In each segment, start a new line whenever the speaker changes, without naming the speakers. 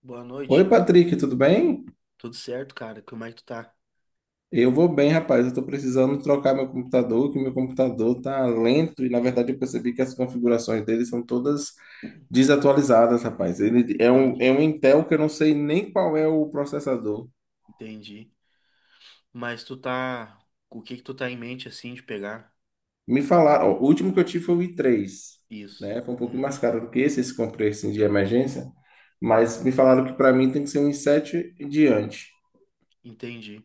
Boa
Oi,
noite.
Patrick, tudo bem?
Tudo certo, cara? Como é que tu tá?
Eu vou bem, rapaz. Eu tô precisando trocar meu computador, que meu computador tá lento e, na verdade, eu percebi que as configurações dele são todas desatualizadas, rapaz. Ele é um, é
Entendi,
um Intel que eu não sei nem qual é o processador.
entendi. Mas tu tá. O que que tu tá em mente assim de pegar?
Me falaram, ó, o último que eu tive foi o i3,
Isso.
né? Foi um pouquinho mais caro do que esse comprei assim, de emergência, mas me falaram que para mim tem que ser um i7 em diante.
Entendi.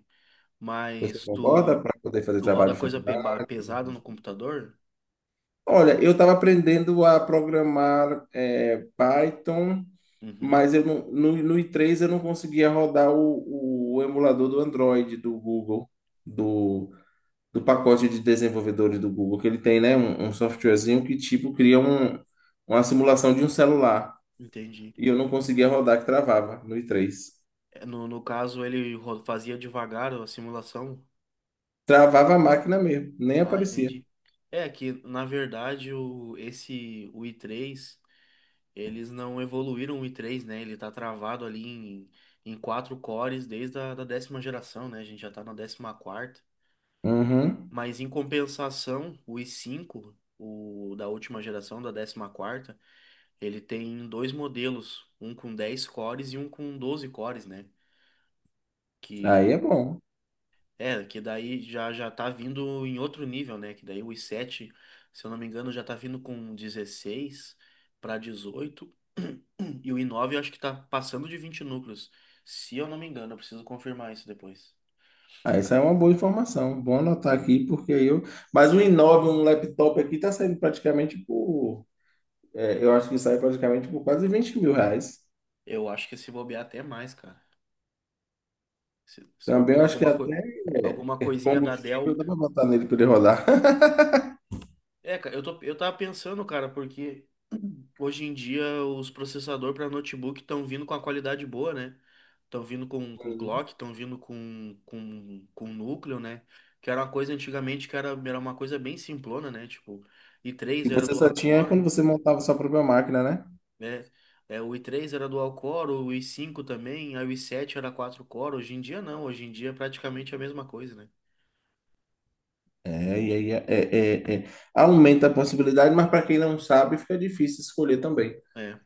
Você
Mas
concorda,
tu,
para poder fazer
tu roda
trabalho de
coisa
faculdade?
pesada no computador?
Olha, eu estava aprendendo a programar Python,
Uhum,
mas eu não, no i3 eu não conseguia rodar o emulador do Android do Google, do, do pacote de desenvolvedores do Google, que ele tem, né, um softwarezinho que tipo cria uma simulação de um celular.
entendi.
E eu não conseguia rodar, que travava no i3.
É, no caso, ele fazia devagar a simulação?
Travava a máquina mesmo, nem
Ah,
aparecia.
entendi. É que, na verdade, o i três. Eles não evoluíram o i3, né? Ele tá travado ali em quatro cores desde a da décima geração, né? A gente já tá na décima quarta.
Uhum.
Mas em compensação, o i5, o da última geração, da décima quarta, ele tem dois modelos, um com 10 cores e um com 12 cores, né?
Aí é
que
bom.
É, que daí já já tá vindo em outro nível, né? Que daí o i7, se eu não me engano, já tá vindo com 16 para 18. E o i9 eu acho que tá passando de 20 núcleos. Se eu não me engano, eu preciso confirmar isso depois.
Ah, essa é uma boa informação. Vou anotar aqui, porque eu. Mas o i9, um laptop aqui, tá saindo praticamente por. Eu acho que sai praticamente por quase 20 mil reais.
Eu acho que se bobear até mais, cara. Se for
Também
pegar
eu acho que até
alguma coisinha da Dell.
combustível dá para botar nele para ele rodar.
É, cara, eu tava pensando, cara, porque hoje em dia, os processadores para notebook estão vindo com a qualidade boa, né? Estão vindo com
Uhum.
clock, estão vindo com núcleo, né? Que era uma coisa antigamente que era uma coisa bem simplona, né? Tipo, i3
E
era
você
dual
só tinha quando
core,
você montava sua própria máquina, né?
né? É, o i3 era dual core, o i5 também, aí o i7 era quatro core. Hoje em dia, não. Hoje em dia é praticamente a mesma coisa, né?
É, e aí aumenta a possibilidade, mas para quem não sabe, fica difícil escolher também.
É,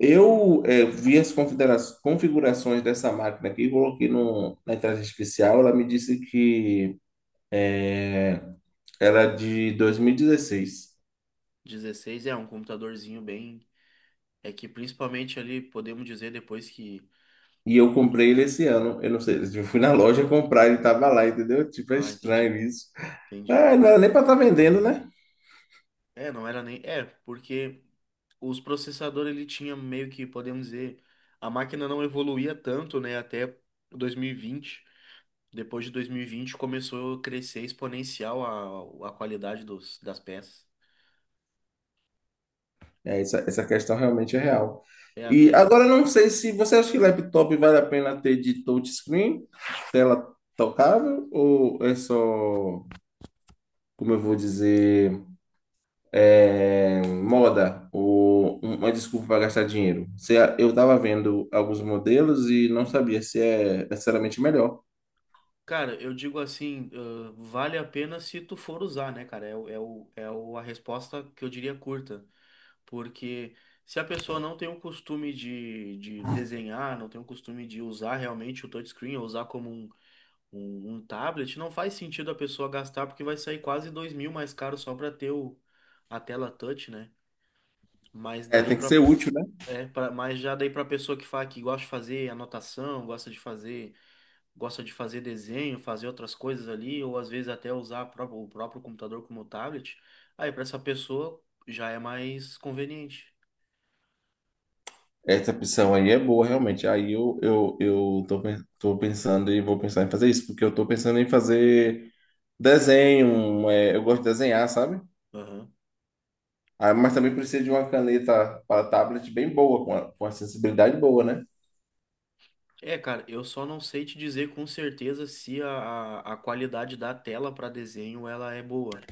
Eu vi as configurações dessa máquina aqui, coloquei no, na inteligência artificial, ela me disse que era de 2016 e dezesseis.
16 é um computadorzinho bem. É que principalmente ali, podemos dizer depois que.
E eu
Quando...
comprei ele esse ano. Eu não sei, eu fui na loja comprar, ele tava lá, entendeu? Tipo, é
Ah, entendi,
estranho isso.
entendi.
Ah, não era nem para estar vendendo, né?
É, não era nem. É, porque os processadores ele tinha meio que, podemos dizer, a máquina não evoluía tanto, né, até 2020. Depois de 2020 começou a crescer exponencial a qualidade dos, das peças.
É, essa questão realmente é real.
É
E
até.
agora eu não sei se você acha que laptop vale a pena ter de touchscreen, tela tocável, ou é só, como eu vou dizer, moda, ou uma desculpa para gastar dinheiro. Se a- eu estava vendo alguns modelos e não sabia se é necessariamente melhor.
Cara, eu digo assim, vale a pena se tu for usar, né, cara? A resposta que eu diria curta. Porque se a pessoa não tem o costume de desenhar, não tem o costume de usar realmente o touchscreen, ou usar como um. Um tablet não faz sentido a pessoa gastar porque vai sair quase dois mil mais caro só para ter a tela touch, né? Mas
É,
daí
tem que
para
ser útil, né?
é, pra, mas Já daí para pessoa que gosta de fazer anotação, gosta de fazer desenho, fazer outras coisas ali, ou às vezes até usar o próprio computador como tablet, aí para essa pessoa já é mais conveniente.
Essa opção aí é boa, realmente. Aí eu tô, tô pensando e vou pensar em fazer isso, porque eu tô pensando em fazer desenho, eu gosto
Sim.
de desenhar, sabe?
Aham.
Ah, mas também precisa de uma caneta para tablet bem boa, com a sensibilidade boa, né?
É, cara, eu só não sei te dizer com certeza se a qualidade da tela para desenho ela é boa.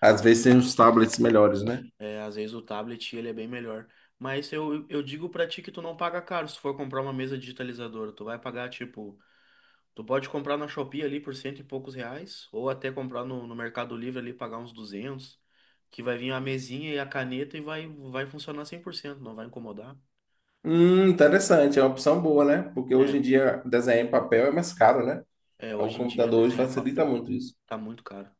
Às vezes tem uns tablets melhores, né?
É, às vezes o tablet ele é bem melhor. Mas eu digo pra ti que tu não paga caro se for comprar uma mesa digitalizadora. Tu vai pagar, tipo, tu pode comprar na Shopee ali por cento e poucos reais, ou até comprar no Mercado Livre ali pagar uns 200 que vai vir a mesinha e a caneta e vai funcionar 100% não vai incomodar.
Interessante, é uma opção boa, né? Porque
É,
hoje em dia desenhar em papel é mais caro, né?
é,
O
hoje em dia
computador hoje
desenhar em
facilita
papel
muito isso.
tá muito caro.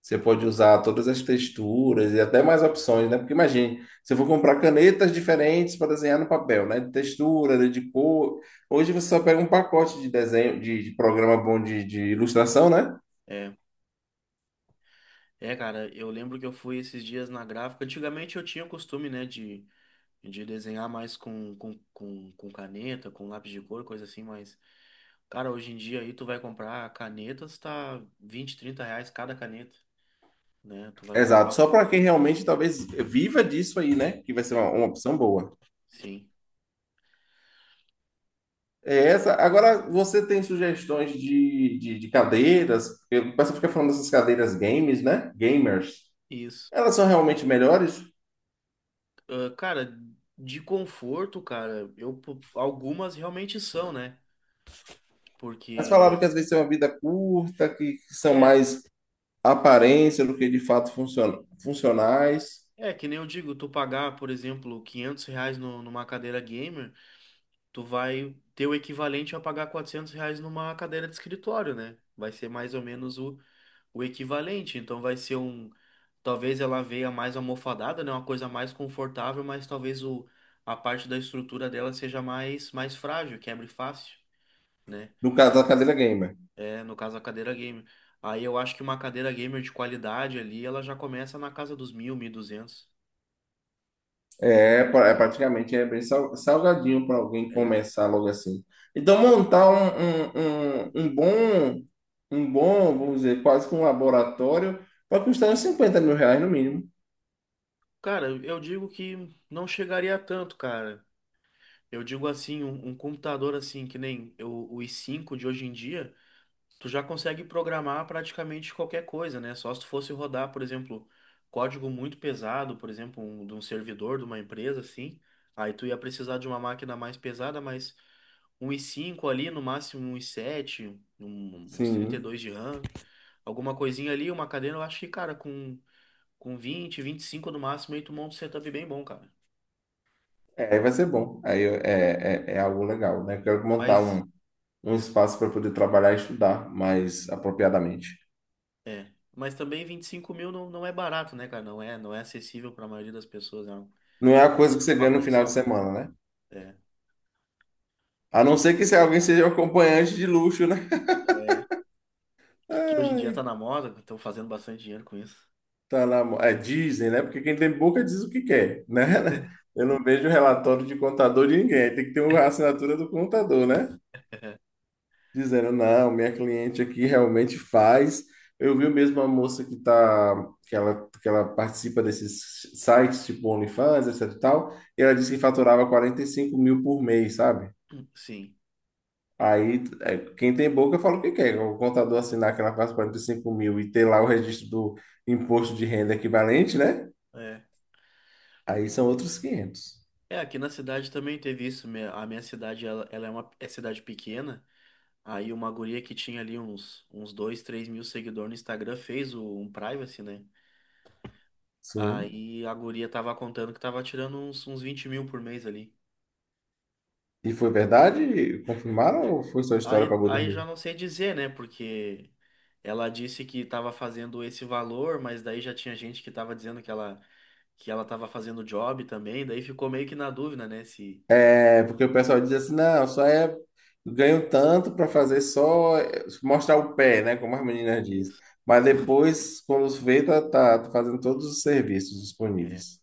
Você pode usar todas as texturas e até mais opções, né? Porque imagine, se eu for comprar canetas diferentes para desenhar no papel, né? De textura, de cor. Hoje você só pega um pacote de desenho, de programa bom de ilustração, né?
É, é, cara, eu lembro que eu fui esses dias na gráfica. Antigamente eu tinha o costume, né, de desenhar mais com caneta, com lápis de cor, coisa assim, mas, cara, hoje em dia aí tu vai comprar canetas, tá 20 30 reais cada caneta, né? Tu vai comprar.
Exato, só para quem realmente talvez viva disso aí, né? Que vai ser
É,
uma opção boa.
sim,
É essa. Agora, você tem sugestões de cadeiras? Porque o pessoal fica falando dessas cadeiras games, né? Gamers.
isso.
Elas são realmente melhores?
Ah, cara, de conforto, cara, algumas realmente são, né?
Mas falaram
Porque
que às vezes tem uma vida curta, que são
é.
mais aparência do que de fato funciona, funcionais.
É, que nem eu digo, tu pagar, por exemplo, 500 reais numa cadeira gamer, tu vai ter o equivalente a pagar 400 reais numa cadeira de escritório, né? Vai ser mais ou menos o equivalente. Então vai ser um. Talvez ela venha mais almofadada, né? Uma coisa mais confortável, mas talvez a parte da estrutura dela seja mais frágil, quebre fácil, né?
No caso da cadeira gamer.
É, no caso a cadeira gamer. Aí eu acho que uma cadeira gamer de qualidade ali, ela já começa na casa dos mil, mil e duzentos.
É, é praticamente bem salgadinho para alguém
É.
começar logo assim. Então, montar um bom, vamos dizer, quase que um laboratório, vai custar uns 50 mil reais no mínimo.
Cara, eu digo que não chegaria a tanto, cara. Eu digo assim, um computador assim, que nem o i5 de hoje em dia. Tu já consegue programar praticamente qualquer coisa, né? Só se tu fosse rodar, por exemplo, código muito pesado, por exemplo, de um servidor de uma empresa, assim, aí tu ia precisar de uma máquina mais pesada, mas um i5 ali, no máximo um i7, uns trinta e
Sim,
dois de RAM, alguma coisinha ali, uma cadeira, eu acho que, cara, com vinte, vinte e cinco no máximo, aí tu monta um setup bem bom, cara.
aí vai ser bom. Aí é algo legal, né? Quero montar
Mas,
um espaço para poder trabalhar e estudar mais apropriadamente.
Mas também 25 mil não é barato, né, cara? Não é acessível para a maioria das pessoas. É um-
Não é a coisa que
é
você
uma
ganha no
coisa
final de
salgada.
semana, né?
É.
A não ser que se alguém seja um acompanhante de luxo, né?
É, que hoje em dia tá
Ai,
na moda, estão fazendo bastante dinheiro com isso.
dizem, né? Porque quem tem boca diz o que quer, né? Eu não vejo relatório de contador de ninguém. Tem que ter uma assinatura do contador, né, dizendo: não, minha cliente aqui realmente faz. Eu vi mesmo a moça que tá, que ela participa desses sites, tipo OnlyFans, etc e tal, e ela disse que faturava 45 mil por mês, sabe?
Sim.
Aí, quem tem boca fala o que quer. O contador assinar que ela faz 45 mil e ter lá o registro do imposto de renda equivalente, né?
É.
Aí são outros quinhentos.
É, aqui na cidade também teve isso. A minha cidade, ela é uma cidade pequena. Aí uma guria que tinha ali uns 2 3 mil seguidores no Instagram fez um privacy, né?
Sim.
Aí a guria tava contando que tava tirando uns 20 mil por mês ali.
E foi verdade? Confirmaram ou foi só história
Aí,
para
aí já
boi.
não sei dizer, né? Porque ela disse que estava fazendo esse valor, mas daí já tinha gente que estava dizendo que ela estava fazendo job também, daí ficou meio que na dúvida, né? Se
É, porque o pessoal diz assim, não, só é ganho tanto para fazer, só mostrar o pé, né, como as meninas dizem.
isso,
Mas depois, quando vê, tá, tá fazendo todos os serviços disponíveis.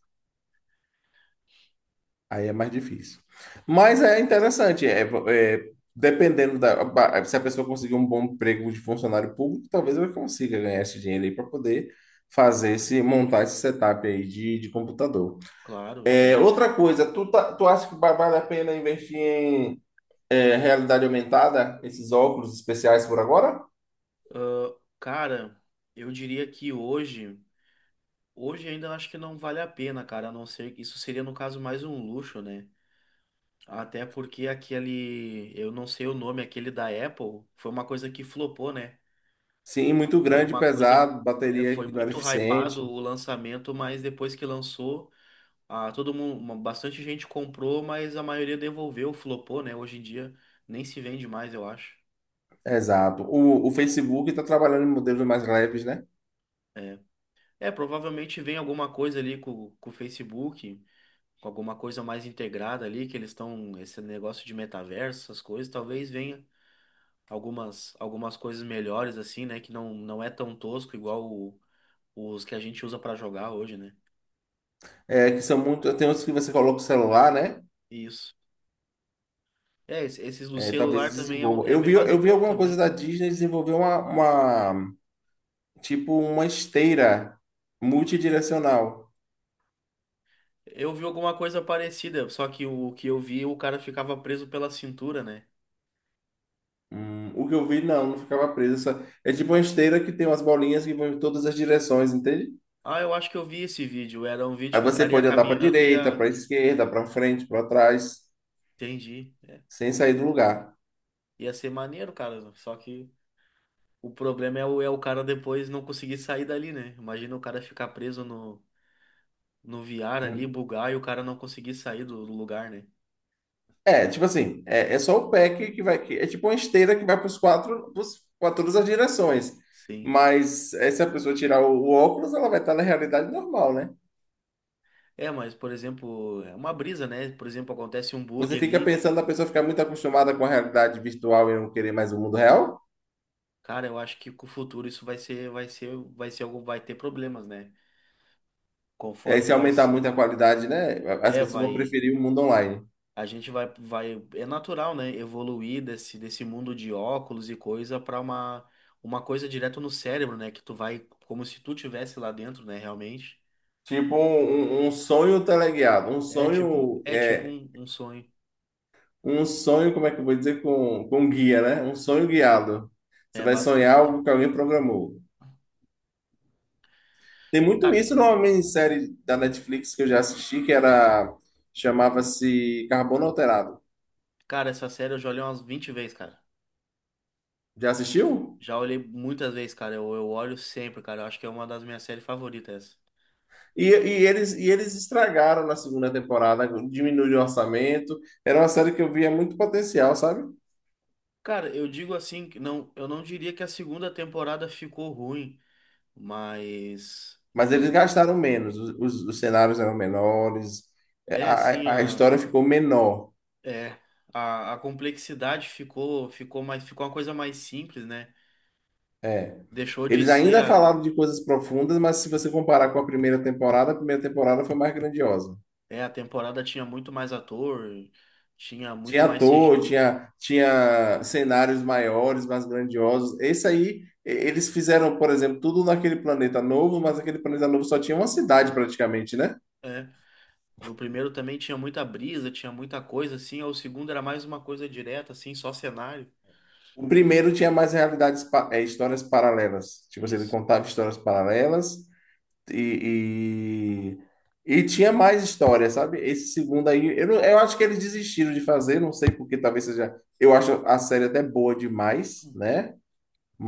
Aí é mais difícil. Mas é interessante, é, dependendo se a pessoa conseguir um bom emprego de funcionário público, talvez ela consiga ganhar esse dinheiro aí para poder fazer esse montar esse setup aí de computador.
claro, tá,
É,
gente.
outra coisa, tu acha que vale a pena investir em realidade aumentada, esses óculos especiais por agora?
Ah, cara, eu diria que hoje, ainda eu acho que não vale a pena, cara, a não ser que isso seria no caso mais um luxo, né? Até porque aquele, eu não sei o nome, aquele da Apple, foi uma coisa que flopou, né?
Sim, muito
Foi
grande,
uma coisa
pesado, bateria
foi
que não era
muito hypado
eficiente.
o lançamento, mas depois que lançou, ah, bastante gente comprou, mas a maioria devolveu, flopou, né? Hoje em dia nem se vende mais, eu acho.
Exato. O Facebook está trabalhando em modelos mais leves, né?
É, é provavelmente vem alguma coisa ali com o Facebook, com alguma coisa mais integrada ali, que eles estão, esse negócio de metaverso, essas coisas, talvez venha algumas coisas melhores assim, né? Que não é tão tosco igual os que a gente usa pra jogar hoje, né?
É, que são muito. Tem outros que você coloca o celular, né?
Isso. É, esses do
É, talvez
celular também
desenvolva.
é
Eu
bem
vi, eu vi
basicão
alguma coisa
também.
da Disney desenvolver uma- tipo uma esteira multidirecional.
Eu vi alguma coisa parecida, só que o que eu vi, o cara ficava preso pela cintura, né?
O que eu vi, não, não ficava preso. Só- é tipo uma esteira que tem umas bolinhas que vão em todas as direções, entende?
Ah, eu acho que eu vi esse vídeo. Era um vídeo
Aí
que o
você
cara ia
pode andar para
caminhando e
direita,
ia.
para esquerda, para frente, para trás,
Entendi.
sem sair do lugar.
Ia ser maneiro, cara. Só que o problema é o cara depois não conseguir sair dali, né? Imagina o cara ficar preso no VR ali, bugar e o cara não conseguir sair do lugar, né?
É, tipo assim, é só o pé que vai. É tipo uma esteira que vai para os quatro, para todas as direções.
Sim.
Mas se a pessoa tirar o óculos, ela vai estar na realidade normal, né?
É, mas, por exemplo, é uma brisa, né? Por exemplo, acontece um bug
Você fica
ali.
pensando, a pessoa ficar muito acostumada com a realidade virtual e não querer mais o mundo real.
Cara, eu acho que com o futuro isso vai ter problemas, né?
É,
Conforme
se
vai
aumentar
ser,
muito a qualidade, né? As
é,
pessoas vão
vai,
preferir o mundo online.
a gente é natural, né? Evoluir desse mundo de óculos e coisa para uma coisa direto no cérebro, né? Que tu vai, como se tu tivesse lá dentro, né? Realmente,
Tipo um sonho teleguiado, um
é tipo,
sonho,
é tipo um sonho,
um sonho, como é que eu vou dizer, com guia, né? Um sonho guiado. Você
é
vai sonhar
basicamente.
algo que alguém programou. Tem muito
Cara,
isso numa minissérie da Netflix que eu já assisti, que era, chamava-se Carbono Alterado.
cara, essa série eu já olhei umas 20 vezes, cara.
Já assistiu?
Já olhei muitas vezes, cara. Eu olho sempre, cara. Eu acho que é uma das minhas séries favoritas.
E eles estragaram na segunda temporada, diminuíram o orçamento. Era uma série que eu via muito potencial, sabe?
Cara, eu digo assim, que não, eu não diria que a segunda temporada ficou ruim, mas
Mas eles
eu
gastaram menos, os cenários eram menores, é,
é
a,
assim
a a
a
história ficou menor.
é a complexidade ficou uma coisa mais simples, né?
É.
Deixou de
Eles
ser
ainda
a
falaram de coisas profundas, mas se você comparar com a primeira temporada foi mais grandiosa.
é a temporada tinha muito mais ator, tinha muito
Tinha
mais
ator,
CGI,
tinha cenários maiores, mais grandiosos. Esse aí, eles fizeram, por exemplo, tudo naquele planeta novo, mas aquele planeta novo só tinha uma cidade praticamente, né?
é. No primeiro também tinha muita brisa, tinha muita coisa assim, o segundo era mais uma coisa direta assim, só cenário.
O primeiro tinha mais realidades, histórias paralelas. Tipo, assim, ele
Isso.
contava histórias paralelas. E, e tinha mais história, sabe? Esse segundo aí, eu, não- eu acho que eles desistiram de fazer, não sei porque talvez seja. Eu acho a série até boa demais, né?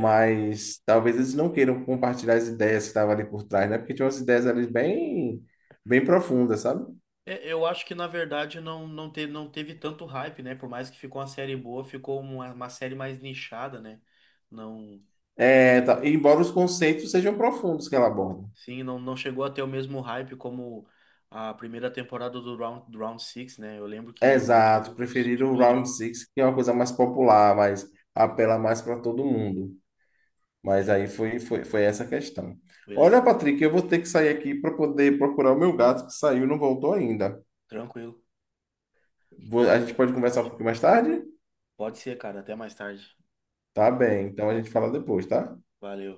É,
talvez eles não queiram compartilhar as ideias que estavam ali por trás, né? Porque tinha umas ideias ali bem, bem profundas, sabe?
é, eu acho que na verdade não teve tanto hype, né? Por mais que ficou uma série boa, ficou uma série mais nichada, né? Não,
É, embora os conceitos sejam profundos que ela aborda.
sim, não chegou a ter o mesmo hype como a primeira temporada do Round six, né? Eu lembro que
Exato,
aquilo
preferiram o Round
explodiu.
Six, que é uma coisa mais popular, mas apela mais para todo mundo. Mas
É,
aí foi, essa questão. Olha,
beleza.
Patrick, eu vou ter que sair aqui para poder procurar o meu gato que saiu e não voltou ainda.
Tranquilo.
A gente
Até
pode
mais
conversar um
tarde.
pouquinho mais tarde?
Pode ser, cara. Até mais tarde.
Tá bem, então a gente fala depois, tá?
Valeu.